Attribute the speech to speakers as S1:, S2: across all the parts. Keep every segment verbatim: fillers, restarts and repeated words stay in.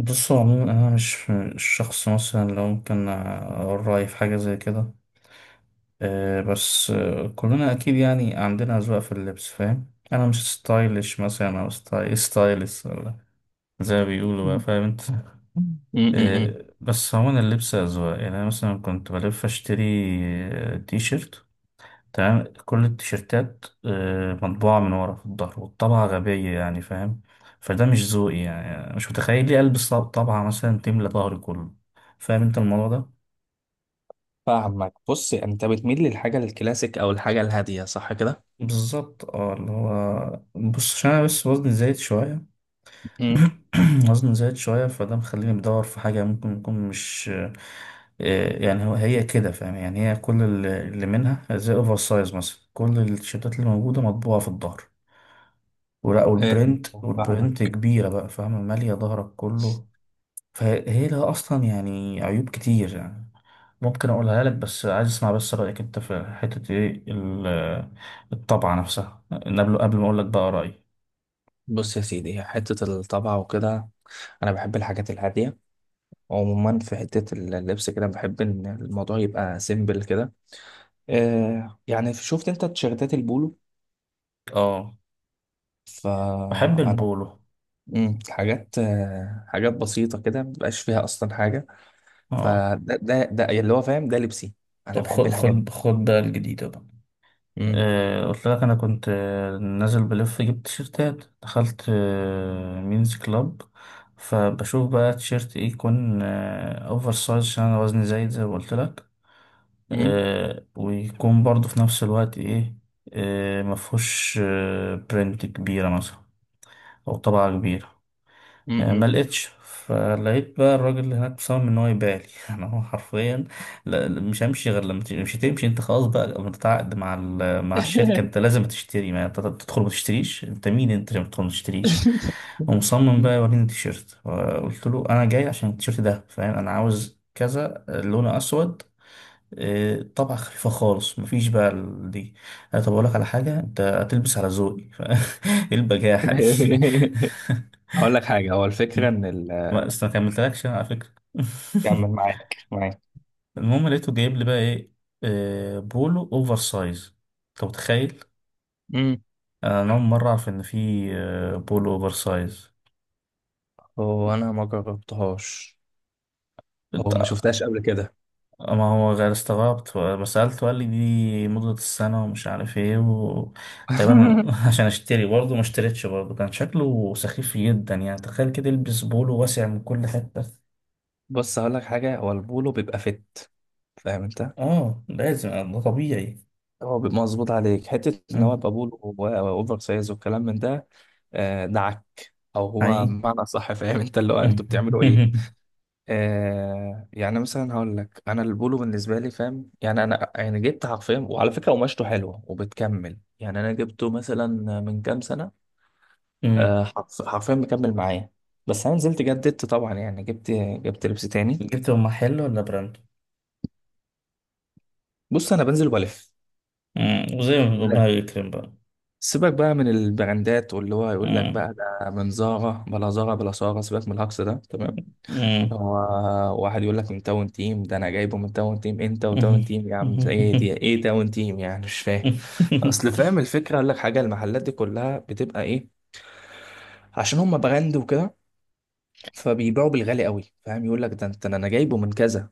S1: بص هو عموما انا مش مش شخص مثلا لو ممكن اقول رايي في حاجه زي كده. آه، بس آه، كلنا اكيد يعني عندنا اذواق في اللبس، فاهم؟ انا مش ستايلش مثلا او ستايل ستايلس، ولا زي ما بيقولوا بقى،
S2: م-
S1: فاهم انت.
S2: م-
S1: آه،
S2: م.
S1: بس عموما اللبس اذواق، يعني انا مثلا كنت بلف اشتري آه، تي شيرت. تمام، كل التيشيرتات آه، مطبوعة من ورا في الظهر، والطبعة غبية يعني، فاهم؟ فده مش ذوقي يعني، مش متخيل ليه ألبس طب- طبعة مثلا تملى ظهري كله. فاهم انت الموضوع ده؟
S2: فاهمك. بص، انت بتميل للحاجه الكلاسيك او الحاجه الهاديه، صح كده؟
S1: بالظبط. اه، اللي هو بص، عشان انا بس وزني زايد شوية.
S2: م.
S1: وزني زايد شوية، فده مخليني بدور في حاجة ممكن يكون مش آه، يعني هو هي كده فاهم. يعني هي كل اللي اللي منها زي اوفر سايز مثلا، كل التيشيرتات اللي موجودة مطبوعة في الظهر ولا
S2: إيه،
S1: والبرنت والبرنت
S2: فاهمك.
S1: كبيرة بقى، فاهمة، مالية ظهرك كله. فهي لها أصلا يعني عيوب كتير يعني، ممكن أقولها لك، بس عايز أسمع بس رأيك أنت في حتة إيه ال- الطبعة نفسها. قبل قبل ما أقول لك بقى رأيي.
S2: بص يا سيدي، حته الطبعه وكده، انا بحب الحاجات الهاديه. عموما في حته اللبس كده بحب ان الموضوع يبقى سيمبل كده. آه، يعني شفت انت تيشيرتات البولو؟
S1: أه. بحب
S2: فانا
S1: البولو.
S2: مم، حاجات، آه، حاجات بسيطه كده، مبقاش فيها اصلا حاجه.
S1: أه.
S2: فده ده ده اللي هو فاهم، ده لبسي. انا
S1: طب
S2: بحب
S1: خد
S2: الحاجات
S1: خد
S2: دي.
S1: خد بقى الجديدة بقى.
S2: مم،
S1: آه، قلت لك انا كنت آه، نازل بلف، جبت تيشيرتات، دخلت آه، مينز كلاب. فبشوف بقى تيشيرت ايه يكون آه، اوفر سايز عشان انا وزني زايد زي ما قلت لك،
S2: مم،
S1: آه، ويكون برضه في نفس الوقت ايه، آه، مفهوش آه، برنت كبيرة مثلا او طبعة كبيرة.
S2: مم،
S1: آه، ما
S2: مم.
S1: لقيتش. فلقيت بقى الراجل اللي هناك مصمم ان هو يبيع لي. انا هو حرفيا لا لا، مش همشي غير لما تمشي- مش هتمشي انت، خلاص بقى، متعاقد مع ال- مع الشركه، انت لازم تشتري، ما انت تدخل ما تشتريش، انت مين انت عشان تدخل ما تشتريش. ومصمم بقى يوريني التيشيرت. قلت له انا جاي عشان التيشيرت ده، فاهم؟ انا عاوز كذا، لونه اسود، آه، طبعة خفيفة خالص، مفيش بقى ال- دي. آه، طب أقول لك على حاجة، أنت هتلبس على ذوقي. ف- إيه البجاحة دي؟
S2: هقول لك حاجة، هو الفكرة إن ال...
S1: ما أصل ما كملتلكش أنا على فكرة.
S2: كمل. معاك معاك
S1: المهم لقيته جايب لي بقى إيه، آه، بولو أوفر سايز. أنت متخيل؟
S2: امم
S1: أنا أول مرة أعرف إن في آه، بولو أوفر سايز.
S2: هو أنا ما جربتهاش أو ما
S1: أنت-
S2: شفتهاش قبل كده.
S1: ما هو غير استغربت ما سألته، قال لي دي مدة السنة ومش عارف إيه و... طبعا عشان أشتري برضه، ما اشتريتش برضه، كان شكله سخيف جدا يعني. تخيل كده يلبس بولو واسع من كل حتة.
S2: بص، هقول لك حاجة، هو البولو بيبقى فت، فاهم أنت؟
S1: آه لازم، ده طبيعي.
S2: هو بيبقى مظبوط عليك، حتة إن هو
S1: مم.
S2: يبقى بولو و- وأوفر سايز والكلام من ده. آه، دعك، أو هو
S1: حقيقي.
S2: بمعنى صح، فاهم أنت؟ اللي هو أنتوا بتعملوا إيه؟ آه، يعني مثلا هقول لك، انا البولو بالنسبه لي، فاهم؟ يعني انا يعني جبت حرفيا، وعلى فكره قماشته حلوه وبتكمل. يعني انا جبته مثلا من كام سنه. آه حرف- حرفيا مكمل معايا. بس انا نزلت جددت طبعا، يعني جبت جبت لبس تاني.
S1: جبتوا محل ولا براند؟
S2: بص، انا بنزل والف.
S1: مم. وزي ما ربنا
S2: لا،
S1: يكرم بقى.
S2: سيبك بقى من البراندات، واللي هو يقول لك
S1: مم.
S2: بقى ده من زارا بلا زارا بلا سارة، سيبك من الهجص ده، تمام؟
S1: مم.
S2: هو واحد يقول لك من تاون تيم، ده انا جايبه من تاون تيم. انت وتاون تيم يا عم، ايه دي؟ ايه تاون تيم يعني؟ مش فاهم. اصل فاهم الفكره، اقول لك حاجه، المحلات دي كلها بتبقى ايه؟ عشان هم براند وكده، فبيبيعوا بالغالي قوي، فاهم؟ يقول لك ده انت انا جايبه من كذا،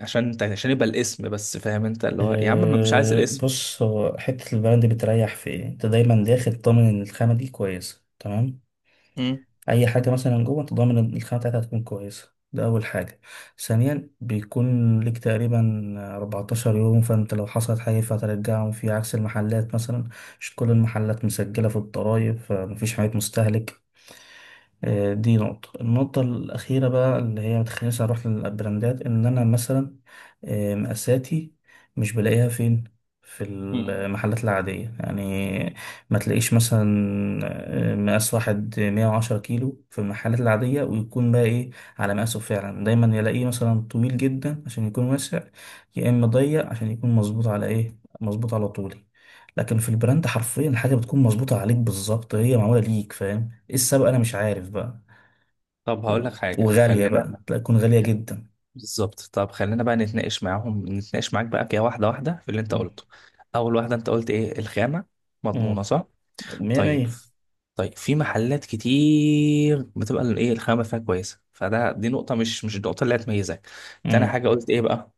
S2: عشان انت عشان يبقى الاسم بس، فاهم انت؟ اللي هو يا عم، ما مش عايز
S1: آه،
S2: الاسم.
S1: بص، هو حتة البراند بتريح في ايه؟ انت دايما داخل ضامن ان الخامة دي كويسة تمام؟
S2: مم.
S1: أي حاجة مثلا جوه انت ضامن ان الخامة بتاعتها هتكون كويسة. ده أول حاجة. ثانيا بيكون ليك تقريبا اربعتاشر يوم، فانت لو حصلت حاجة فهترجعهم، في عكس المحلات مثلا مش كل المحلات مسجلة في الضرايب، فمفيش حاجات مستهلك. آه، دي نقطة. النقطة الأخيرة بقى اللي هي متخلينيش أروح للبراندات، إن أنا مثلا آه، مقاساتي مش بلاقيها فين في
S2: مم.
S1: المحلات العادية يعني. ما تلاقيش مثلا آه، مقاس واحد مية وعشرة كيلو في المحلات العادية، ويكون بقى إيه على مقاسه فعلا. دايما يلاقيه مثلا طويل جدا عشان يكون واسع، يا إما ضيق عشان يكون مظبوط على إيه، مظبوط على طولي. لكن في البراند حرفيا الحاجة بتكون مظبوطة عليك بالظبط، هي معمولة ليك، فاهم. ايه السبب انا مش عارف بقى.
S2: طب هقول
S1: و-
S2: لك حاجه
S1: وغالية
S2: خلينا
S1: بقى، لا تكون غالية جدا.
S2: بالظبط. طب خلينا بقى نتناقش معاهم، نتناقش معاك بقى كده واحده واحده في اللي انت
S1: مم.
S2: قلته. اول واحده انت قلت ايه؟ الخامه مضمونه
S1: مم.
S2: صح؟
S1: مية
S2: طيب،
S1: مية.
S2: طيب في محلات كتير بتبقى ال- ايه الخامه فيها كويسه، فده دي نقطه، مش مش النقطه اللي هتميزك. تاني
S1: مم.
S2: حاجه قلت ايه بقى؟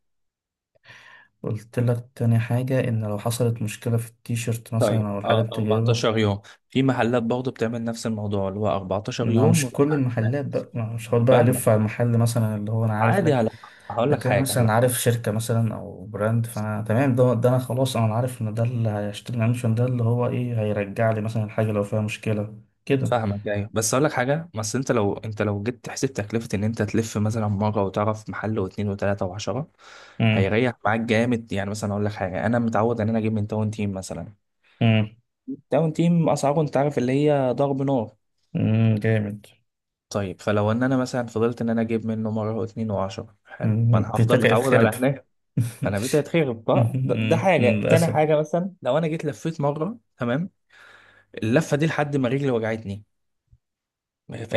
S1: قلت لك تاني حاجة ان لو حصلت مشكلة في التيشيرت
S2: طيب،
S1: مثلا او الحاجة اللي
S2: اه،
S1: انت جايبها،
S2: اربعتاشر يوم. في محلات برضه بتعمل نفس الموضوع اللي هو اربعة عشر
S1: ما
S2: يوم.
S1: مش كل المحلات بقى. ما مش هقعد بقى
S2: فاهمك،
S1: الف على المحل مثلا، اللي هو انا عارف
S2: عادي
S1: لك.
S2: على، هقول لك
S1: لكن انا
S2: حاجه هقول
S1: مثلا
S2: لك
S1: عارف
S2: حاجه.
S1: شركة مثلا او براند، فانا تمام، ده, ده انا خلاص، انا عارف ان ده اللي هيشتري منشن ده، اللي هو ايه، هيرجع لي مثلا الحاجة لو فيها مشكلة كده.
S2: فاهمك، ايوه، بس هقول لك حاجه، بس انت لو انت لو جيت تحسب تكلفه ان انت تلف مثلا مره وتعرف محل واثنين وثلاثه وعشره،
S1: مم.
S2: هيريح معاك جامد. يعني مثلا اقول لك حاجه، انا متعود ان انا اجيب من تاون تيم مثلا.
S1: مم.
S2: داون تيم اسعاره انت عارف اللي هي ضرب نار.
S1: مم، جامد.
S2: طيب، فلو ان انا مثلا فضلت ان انا اجيب منه مره واتنين وعشرة، حلو، ما
S1: مم.
S2: انا هفضل
S1: بيتك
S2: متعود على
S1: اتخرب.
S2: هناك. انا بيتي هيتخرب بقى. ده, ده حاجه. تاني
S1: للأسف.
S2: حاجه، مثلا لو انا جيت لفيت مره، تمام، اللفه دي لحد ما رجلي وجعتني،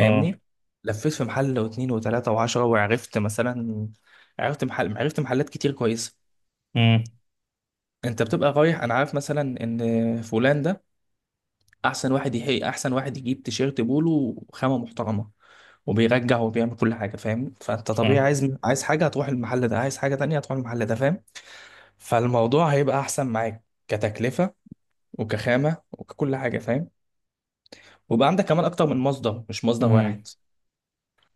S1: اه.
S2: لفيت في محل واتنين وتلاته وعشرة، وعرفت مثلا، عرفت محل، عرفت محلات كتير كويسه.
S1: امم.
S2: انت بتبقى رايح، انا عارف مثلا ان فلان ده احسن واحد يحقق، احسن واحد يجيب تيشيرت بولو وخامه محترمه وبيرجع وبيعمل كل حاجه، فاهم؟ فانت طبيعي
S1: صح.
S2: عايز، عايز حاجه هتروح المحل ده، عايز حاجه تانية هتروح المحل ده، فاهم؟ فالموضوع هيبقى احسن معاك كتكلفه وكخامه وككل حاجه، فاهم؟ وبقى عندك كمان اكتر من مصدر، مش مصدر
S1: امم.
S2: واحد.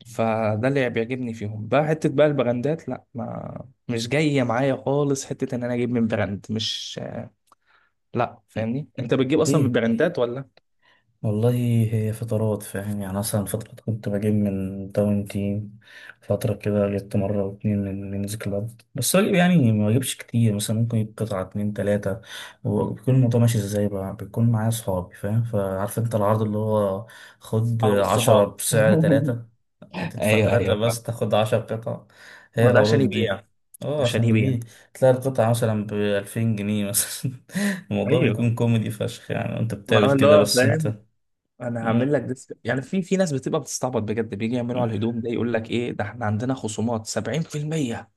S2: فده اللي بيعجبني فيهم بقى. حته بقى البراندات، لا، ما مش جايه معايا خالص، حته ان انا اجيب من براند، مش، لا. فاهمني، انت بتجيب اصلا من
S1: ليه.
S2: براندات ولا؟
S1: والله هي فترات فاهم يعني. مثلا فترة كنت بجيب من داون تيم، فترة كده جبت مرة أو اتنين من مينز كلاب. بس بجيب يعني، ما بجيبش كتير مثلا، ممكن يجيب قطعة اتنين تلاتة. وبيكون الموضوع ماشي ازاي بقى، بيكون معايا صحابي، فاهم؟ فعارف انت العرض اللي هو خد
S2: اغلب
S1: عشرة
S2: الصحاب.
S1: بسعر تلاتة يعني تدفع
S2: ايوه،
S1: تلاتة
S2: ايوه فاهم.
S1: بس تاخد عشر قطع. هي
S2: ما ده عشان
S1: العروض دي.
S2: يبيع.
S1: اه
S2: عشان
S1: عشان
S2: يبيع.
S1: يبيع. تلاقي القطعة مثلا بألفين جنيه مثلا. الموضوع
S2: ايوه،
S1: بيكون كوميدي فشخ يعني، انت
S2: ما
S1: بتقابل
S2: هو اللي
S1: كده
S2: هو
S1: بس
S2: فاهم،
S1: انت.
S2: انا
S1: امم.
S2: هعمل لك ديسك. يعني في في ناس بتبقى بتستعبط بجد، بيجي يعملوا على الهدوم ده، يقول لك ايه ده، احنا عندنا خصومات سبعين في المية.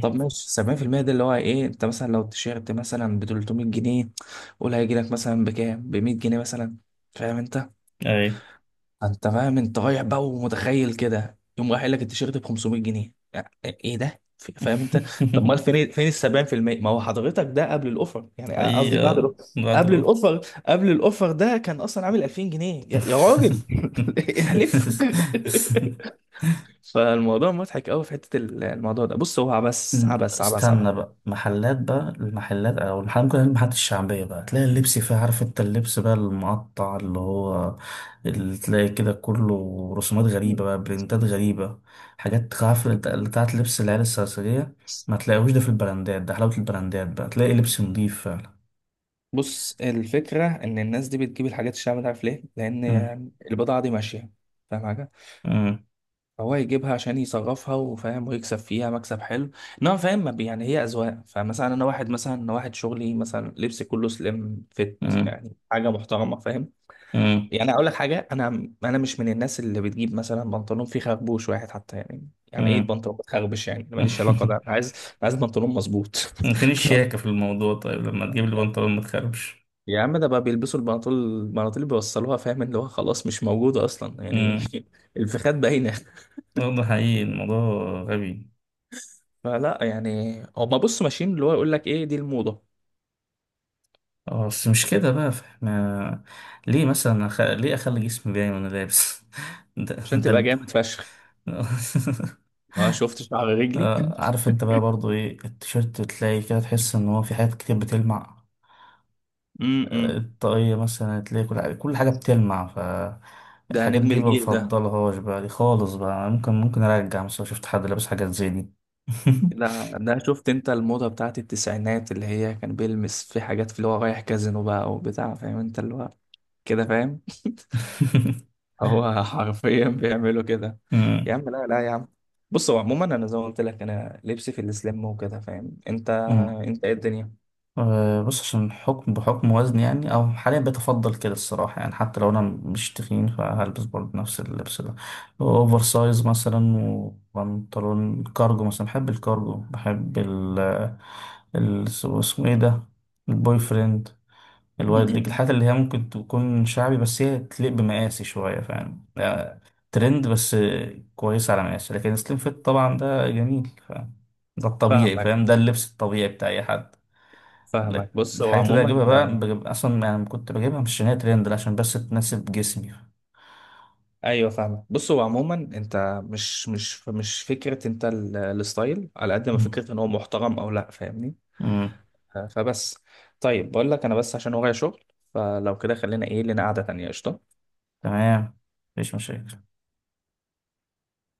S2: طب ماشي، سبعين في المية، ده اللي هو ايه، انت مثلا لو التيشيرت مثلا ب تلتمية جنيه، قول هيجي لك مثلا بكام؟ ب مية جنيه مثلا، فاهم انت؟
S1: اي.
S2: انت فاهم، انت رايح بقى ومتخيل كده، يوم رايح قايل لك التيشيرت ب خمسمائة جنيه، يعني ايه ده؟ ف- فاهم انت؟ طب امال فين، فين ال سبعين في المية؟ ما هو حضرتك، ده قبل الاوفر يعني، أ- قصدي بعد
S1: حقيقة
S2: الاوفر.
S1: بعد
S2: قبل
S1: الأوف.
S2: الاوفر، قبل الاوفر ده كان اصلا عامل الفين جنيه يا, يا راجل. احلف. فالموضوع مضحك قوي في حته ال- الموضوع ده. بص هو عبس عبس عبس عبس.
S1: استنى بقى، محلات بقى، المحلات او المحلات، ممكن المحلات الشعبية بقى تلاقي اللبس فيها، عارف انت اللبس بقى المقطع اللي هو اللي تلاقي كده كله رسومات غريبة بقى، برنتات غريبة، حاجات عارف اللي بتاع- اللي بتاعت لبس العيال السرسجية. ما تلاقيهوش ده في البراندات. ده حلاوة البراندات بقى، تلاقي لبس نضيف فعلا.
S2: بص الفكره ان الناس دي بتجيب الحاجات الشعب ده، عارف ليه؟ لان
S1: مم.
S2: البضاعه دي ماشيه، فاهم؟ فهو يجيبها عشان يصرفها، وفاهم، ويكسب فيها مكسب حلو. انما فاهم، ما بي- يعني هي اذواق. فمثلا انا واحد، مثلا انا واحد شغلي مثلا لبسي كله سليم فيت،
S1: مم.
S2: يعني حاجه محترمه، فاهم؟
S1: امم.
S2: يعني اقول لك حاجه، انا انا مش من الناس اللي بتجيب مثلا بنطلون فيه خربوش واحد حتى، يعني يعني ايه
S1: امم.
S2: بنطلون بتخربش؟ يعني أنا ماليش علاقه ده، أنا عايز أنا عايز بنطلون مظبوط.
S1: فين الشياكة في الموضوع؟ طيب لما تجيب لي بنطلون ما تخربش.
S2: يا عم ده بقى بيلبسوا البناطيل، البناطيل اللي بيوصلوها، فاهم؟ اللي هو خلاص مش موجوده اصلا يعني.
S1: امم.
S2: الفخاد باينه.
S1: آه، ده حقيقي، الموضوع غبي.
S2: فلا يعني، هما بص ماشيين اللي هو يقول لك ايه، دي الموضة.
S1: اه بس مش كده بقى، فاحنا ليه مثلا أخ... ليه اخلي جسمي باين وانا لابس؟ ده
S2: عشان
S1: ده
S2: تبقى
S1: الب...
S2: جامد فشخ، اه، شفت شعر رجلي.
S1: آه، عارف انت بقى برضو ايه، التيشيرت تلاقي كده، تحس ان هو في حاجات كتير بتلمع.
S2: امم
S1: الطاقية مثلا هتلاقي كل حاجة، كل حاجة بتلمع.
S2: ده
S1: فالحاجات
S2: نجم
S1: دي ما
S2: الجيل ده.
S1: بفضلهاش بقى، دي خالص بقى ممكن ممكن أرجع مثلا لو شفت حد لابس حاجات زي دي.
S2: ده ده شفت انت الموضة بتاعت التسعينات اللي هي كان بيلمس في حاجات، في اللي هو رايح كازينو بقى وبتاع، فاهم انت اللي هو كده، فاهم؟ هو حرفيا بيعملوا كده. يا
S1: أمم.
S2: عم لا، لا يا عم. بص هو عموما انا زي ما قلت لك، انا لبسي في السليم وكده، فاهم انت؟
S1: أمم.
S2: انت ايه الدنيا؟
S1: آه، بص، عشان حكم بحكم وزني يعني، أو حاليا بتفضل كده الصراحة يعني. حتى لو أنا مش تخين فهلبس برضه نفس اللبس ده، أوفر سايز مثلا، وبنطلون كارجو مثلا. بحب الكارجو، بحب ال ال- اسمه إيه ده، البوي فريند،
S2: م-
S1: الوايد
S2: م-
S1: ليج.
S2: م.
S1: الحاجات اللي هي ممكن تكون شعبي بس هي تليق بمقاسي شوية، فاهم. لا، ترند بس كويس على مقاسي. لكن سليم فيت طبعا ده جميل، فاهم، ده الطبيعي،
S2: فاهمك.
S1: فاهم، ده اللبس الطبيعي بتاع أي حد.
S2: فاهمك.
S1: لكن
S2: بص هو
S1: الحاجات اللي
S2: عموما،
S1: أجيبها بقى، بجيب أصلا يعني كنت بجيبها مش عشان هي ترند، لا، عشان بس تناسب جسمي.
S2: ايوه فاهمك. بص هو عموما انت مش مش مش فكره انت ال- الستايل، على قد ما
S1: مم.
S2: فكره ان هو محترم او لا، فاهمني؟
S1: مم.
S2: ف- فبس. طيب، بقول لك انا بس عشان ورايا شغل، فلو كده خلينا ايه، لنا قعده تانيه، قشطه.
S1: تمام، مفيش مشاكل.